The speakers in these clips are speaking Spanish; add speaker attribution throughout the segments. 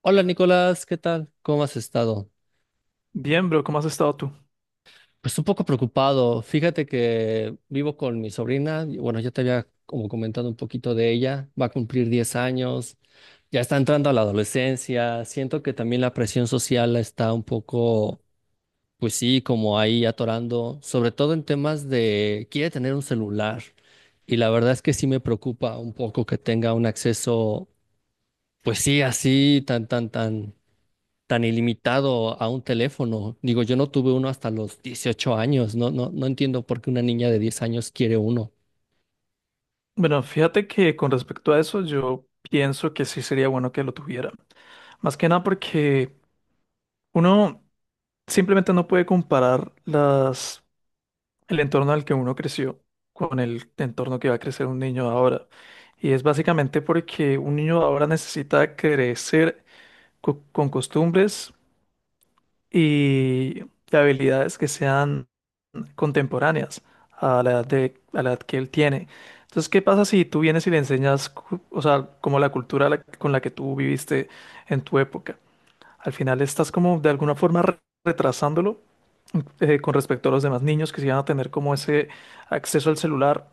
Speaker 1: Hola Nicolás, ¿qué tal? ¿Cómo has estado?
Speaker 2: Bien, bro, ¿cómo has estado tú?
Speaker 1: Pues un poco preocupado. Fíjate que vivo con mi sobrina. Bueno, ya te había como comentado un poquito de ella. Va a cumplir 10 años. Ya está entrando a la adolescencia. Siento que también la presión social la está un poco, pues sí, como ahí atorando. Sobre todo en temas de quiere tener un celular. Y la verdad es que sí me preocupa un poco que tenga un acceso. Pues sí, así tan ilimitado a un teléfono. Digo, yo no tuve uno hasta los 18 años. No, no, no entiendo por qué una niña de 10 años quiere uno.
Speaker 2: Bueno, fíjate que con respecto a eso, yo pienso que sí sería bueno que lo tuviera. Más que nada porque uno simplemente no puede comparar el entorno al que uno creció con el entorno que va a crecer un niño de ahora. Y es básicamente porque un niño de ahora necesita crecer con costumbres y habilidades que sean contemporáneas a a la edad que él tiene. Entonces, ¿qué pasa si tú vienes y le enseñas, o sea, como la con la que tú viviste en tu época? Al final estás como de alguna forma retrasándolo con respecto a los demás niños que sí van a tener como ese acceso al celular.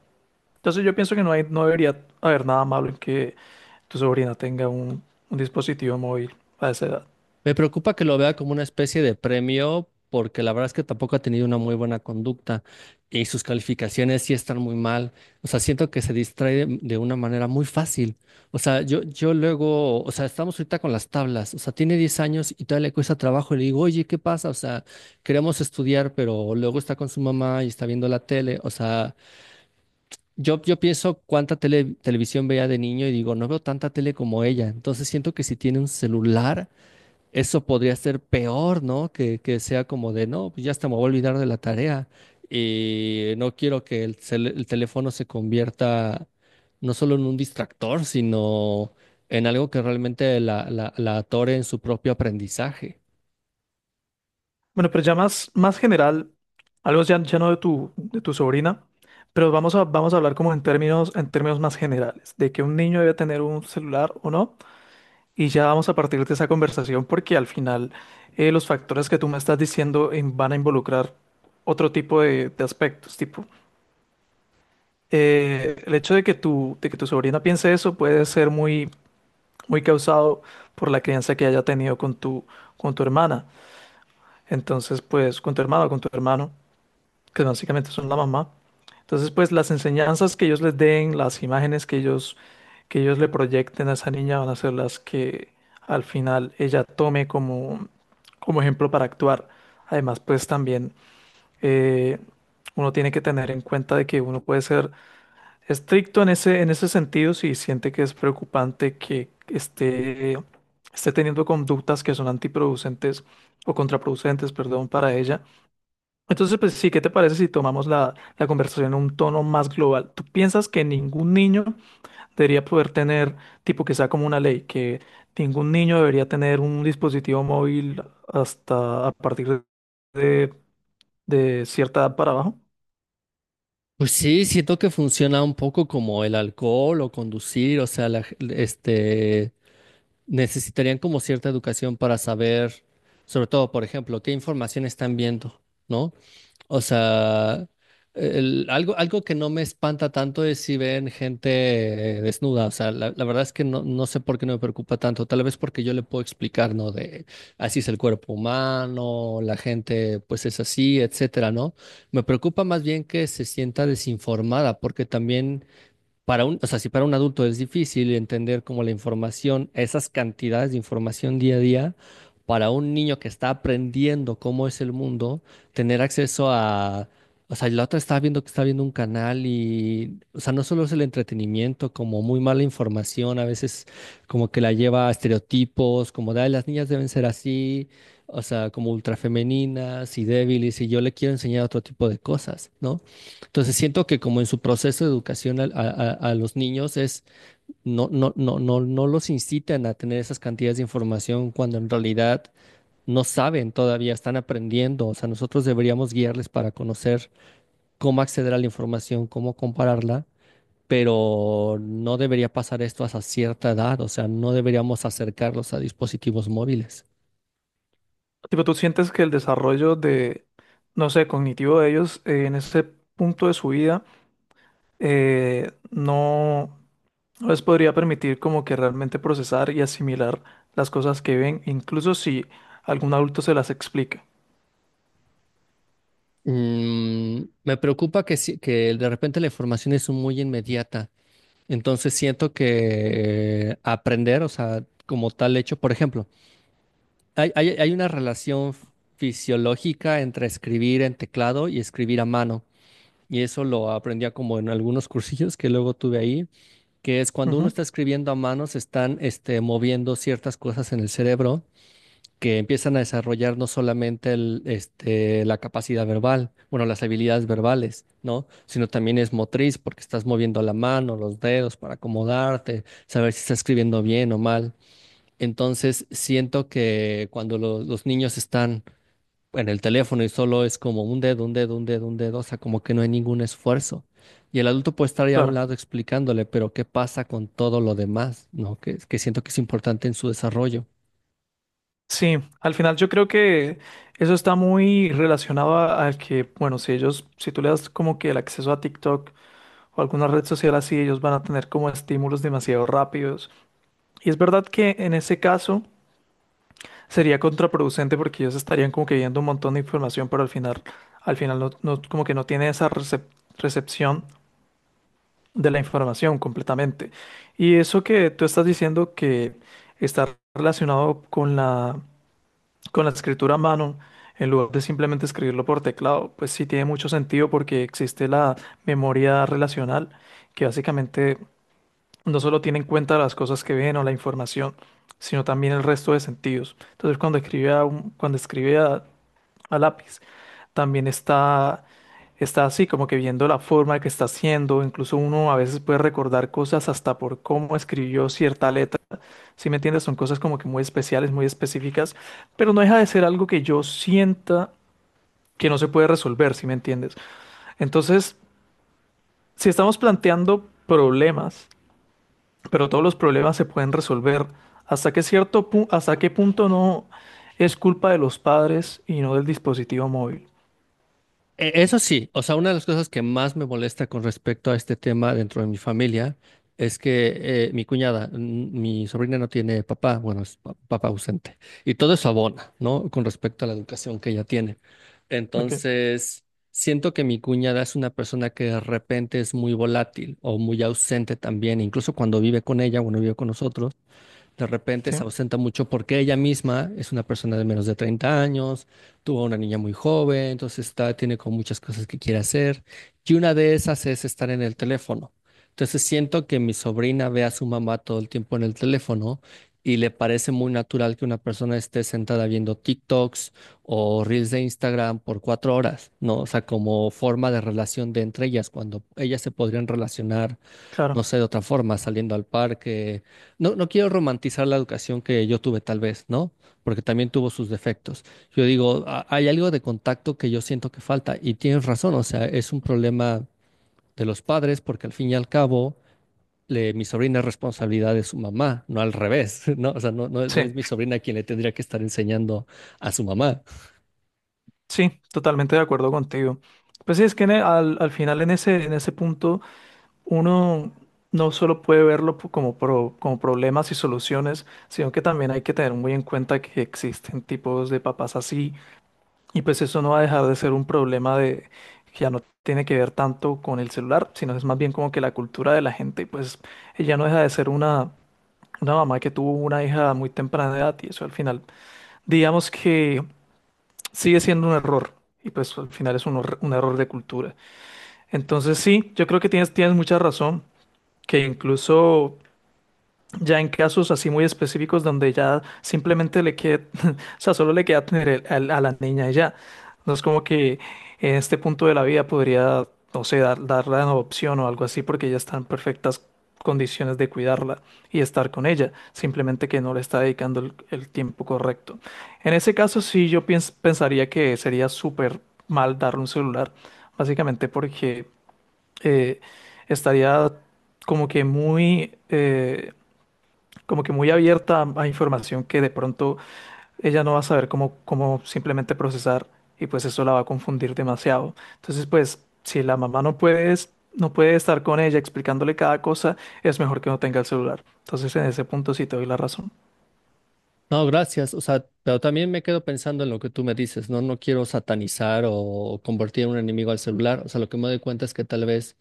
Speaker 2: Entonces, yo pienso que no debería haber nada malo en que tu sobrina tenga un dispositivo móvil a esa edad.
Speaker 1: Me preocupa que lo vea como una especie de premio, porque la verdad es que tampoco ha tenido una muy buena conducta y sus calificaciones sí están muy mal. O sea, siento que se distrae de una manera muy fácil. O sea, yo luego, o sea, estamos ahorita con las tablas. O sea, tiene 10 años y todavía le cuesta trabajo. Y le digo, oye, ¿qué pasa? O sea, queremos estudiar, pero luego está con su mamá y está viendo la tele. O sea, yo pienso cuánta televisión veía de niño y digo, no veo tanta tele como ella. Entonces siento que si tiene un celular eso podría ser peor, ¿no? Que sea como de, no, pues ya hasta me voy a olvidar de la tarea y no quiero que el teléfono se convierta no solo en un distractor, sino en algo que realmente la atore en su propio aprendizaje.
Speaker 2: Bueno, pero ya más general, algo ya no de de tu sobrina, pero vamos a hablar como en en términos más generales, de que un niño debe tener un celular o no, y ya vamos a partir de esa conversación porque al final los factores que tú me estás diciendo van a involucrar otro tipo de aspectos, tipo el hecho de que tu sobrina piense eso puede ser muy causado por la crianza que haya tenido con con tu hermana, entonces pues con tu hermano. Que básicamente son la mamá. Entonces, pues las enseñanzas que ellos les den, las imágenes que ellos le proyecten a esa niña van a ser las que al final ella tome como ejemplo para actuar. Además, pues también eh, uno tiene que tener en cuenta de que uno puede ser estricto en en ese sentido si siente que es preocupante que esté teniendo conductas que son antiproducentes o contraproducentes, perdón, para ella, entonces, pues sí, ¿qué te parece si tomamos la conversación a un tono más global? ¿Tú piensas que ningún niño debería poder tener, tipo que sea como una ley, que ningún niño debería tener un dispositivo móvil hasta a partir de, de cierta edad para abajo?
Speaker 1: Pues sí, siento que funciona un poco como el alcohol o conducir, o sea, la, este necesitarían como cierta educación para saber, sobre todo, por ejemplo, qué información están viendo, ¿no? O sea, algo que no me espanta tanto es si ven gente desnuda. O sea, la verdad es que no, no sé por qué no me preocupa tanto. Tal vez porque yo le puedo explicar, ¿no? De así es el cuerpo humano, la gente pues es así, etcétera, ¿no? Me preocupa más bien que se sienta desinformada, porque también o sea, si para un adulto es difícil entender como la información, esas cantidades de información día a día, para un niño que está aprendiendo cómo es el mundo, tener acceso o sea, la otra estaba viendo que está viendo un canal y, o sea, no solo es el entretenimiento, como muy mala información, a veces como que la lleva a estereotipos, como de, "Ay, las niñas deben ser así, o sea, como ultrafemeninas y débiles, y yo le quiero enseñar otro tipo de cosas, ¿no? Entonces siento que como en su proceso de educación a los niños es no los incitan a tener esas cantidades de información cuando en realidad no saben todavía, están aprendiendo. O sea, nosotros deberíamos guiarles para conocer cómo acceder a la información, cómo compararla, pero no debería pasar esto hasta cierta edad. O sea, no deberíamos acercarlos a dispositivos móviles.
Speaker 2: Tipo, ¿tú sientes que el desarrollo no sé, cognitivo de ellos en ese punto de su vida eh, no, no les podría permitir como que realmente procesar y asimilar las cosas que ven, incluso si algún adulto se las explica.
Speaker 1: Mm, me preocupa que, que de repente la información es muy inmediata. Entonces siento que aprender, o sea, como tal hecho, por ejemplo, hay una relación fisiológica entre escribir en teclado y escribir a mano. Y eso lo aprendía como en algunos cursillos que luego tuve ahí, que es cuando uno
Speaker 2: Ujú,
Speaker 1: está escribiendo a mano, se están moviendo ciertas cosas en el cerebro que empiezan a desarrollar no solamente la capacidad verbal, bueno, las habilidades verbales, ¿no? Sino también es motriz, porque estás moviendo la mano, los dedos para acomodarte, saber si estás escribiendo bien o mal. Entonces, siento que cuando los niños están en el teléfono y solo es como un dedo, un dedo, un dedo, un dedo, o sea, como que no hay ningún esfuerzo. Y el adulto puede estar ahí a un
Speaker 2: claro.
Speaker 1: lado explicándole, pero ¿qué pasa con todo lo demás? ¿No? Que siento que es importante en su desarrollo.
Speaker 2: Sí, al final yo creo que eso está muy relacionado al que, bueno, si ellos, si tú le das como que el acceso a TikTok o alguna red social así, ellos van a tener como estímulos demasiado rápidos. Y es verdad que en ese caso sería contraproducente porque ellos estarían como que viendo un montón de información, pero al final no, no- como que no tiene esa recepción de la información completamente. Y eso que tú estás diciendo que está relacionado con con la escritura a mano, en lugar de simplemente escribirlo por teclado, pues sí tiene mucho sentido porque existe la memoria relacional, que básicamente no solo tiene en cuenta las cosas que ven o la información, sino también el resto de sentidos. Entonces, cuando escribe a lápiz, también está así, como que viendo la forma que está haciendo, incluso uno a veces puede recordar cosas hasta por cómo escribió cierta letra, si me entiendes, son cosas como que muy especiales, muy específicas, pero no deja de ser algo que yo sienta que no se puede resolver, si me entiendes. Entonces, si estamos planteando problemas, pero todos los problemas se pueden resolver, ¿hasta qué hasta qué punto no es culpa de los padres y no del dispositivo móvil?
Speaker 1: Eso sí, o sea, una de las cosas que más me molesta con respecto a este tema dentro de mi familia es que mi sobrina no tiene papá, bueno, es papá ausente, y todo eso abona, ¿no? Con respecto a la educación que ella tiene.
Speaker 2: Ok,
Speaker 1: Entonces, siento que mi cuñada es una persona que de repente es muy volátil o muy ausente también, incluso cuando vive con ella, cuando vive con nosotros de repente
Speaker 2: sí,
Speaker 1: se ausenta mucho porque ella misma es una persona de menos de 30 años, tuvo a una niña muy joven, entonces está, tiene como muchas cosas que quiere hacer y una de esas es estar en el teléfono. Entonces siento que mi sobrina ve a su mamá todo el tiempo en el teléfono y le parece muy natural que una persona esté sentada viendo TikToks o Reels de Instagram por 4 horas, ¿no? O sea, como forma de relación de entre ellas, cuando ellas se podrían relacionar
Speaker 2: claro,
Speaker 1: no sé, de otra forma, saliendo al parque. No, no quiero romantizar la educación que yo tuve tal vez, ¿no? Porque también tuvo sus defectos. Yo digo, "Ah, hay algo de contacto que yo siento que falta y tienes razón, o sea, es un problema de los padres porque al fin y al cabo... mi sobrina es responsabilidad de su mamá, no al revés, ¿no? O sea, no, no es, no
Speaker 2: sí.
Speaker 1: es mi sobrina quien le tendría que estar enseñando a su mamá.
Speaker 2: Sí, totalmente de acuerdo contigo. Pues sí, es que al final en en ese punto uno no solo puede verlo po- como, pro- como problemas y soluciones, sino que también hay que tener muy en cuenta que existen tipos de papás así y pues eso no va a dejar de ser un problema de que ya no tiene que ver tanto con el celular, sino es más bien como que la cultura de la gente, pues ella no deja de ser una mamá que tuvo una hija a muy temprana edad y eso al final, digamos que sigue siendo un error. Y pues al final es un error de cultura. Entonces sí, yo creo que tienes mucha razón, que incluso ya en casos así muy específicos donde ya simplemente le queda, o sea, solo le queda tener a la niña y ya. No es como que en este punto de la vida podría, no sé, darla en adopción o algo así porque ya está en perfectas condiciones de cuidarla y estar con ella. Simplemente que no le está dedicando el tiempo correcto. En ese caso sí yo pensaría que sería súper mal darle un celular, básicamente porque eh, estaría como que como que muy abierta a información que de pronto ella no va a saber cómo simplemente procesar y pues eso la va a confundir demasiado. Entonces, pues si la mamá no puede estar con ella explicándole cada cosa, es mejor que no tenga el celular. Entonces, en ese punto sí te doy la razón.
Speaker 1: No, gracias. O sea, pero también me quedo pensando en lo que tú me dices, ¿no? No quiero satanizar o convertir en un enemigo al celular. O sea, lo que me doy cuenta es que tal vez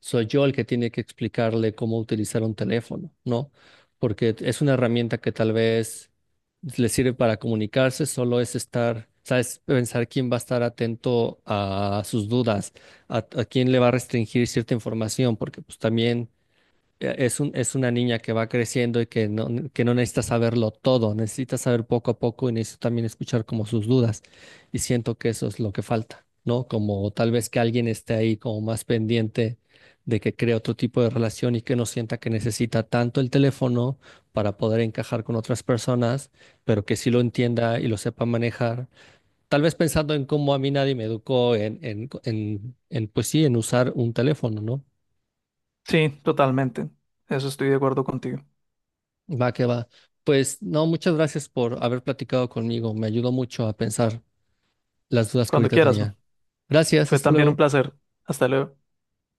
Speaker 1: soy yo el que tiene que explicarle cómo utilizar un teléfono, ¿no? Porque es una herramienta que tal vez le sirve para comunicarse, solo es estar, ¿sabes? Pensar quién va a estar atento a sus dudas, a quién le va a restringir cierta información, porque pues también es una niña que va creciendo y que no necesita saberlo todo, necesita saber poco a poco y necesita también escuchar como sus dudas. Y siento que eso es lo que falta, ¿no? Como tal vez que alguien esté ahí como más pendiente de que cree otro tipo de relación y que no sienta que necesita tanto el teléfono para poder encajar con otras personas, pero que sí lo entienda y lo sepa manejar. Tal vez pensando en cómo a mí nadie me educó en, pues sí, en usar un teléfono, ¿no?
Speaker 2: Sí, totalmente. Eso estoy de acuerdo contigo.
Speaker 1: Va que va. Pues no, muchas gracias por haber platicado conmigo. Me ayudó mucho a pensar las dudas que
Speaker 2: Cuando
Speaker 1: ahorita
Speaker 2: quieras.
Speaker 1: tenía. Gracias,
Speaker 2: Fue
Speaker 1: hasta
Speaker 2: también un
Speaker 1: luego.
Speaker 2: placer. Hasta luego.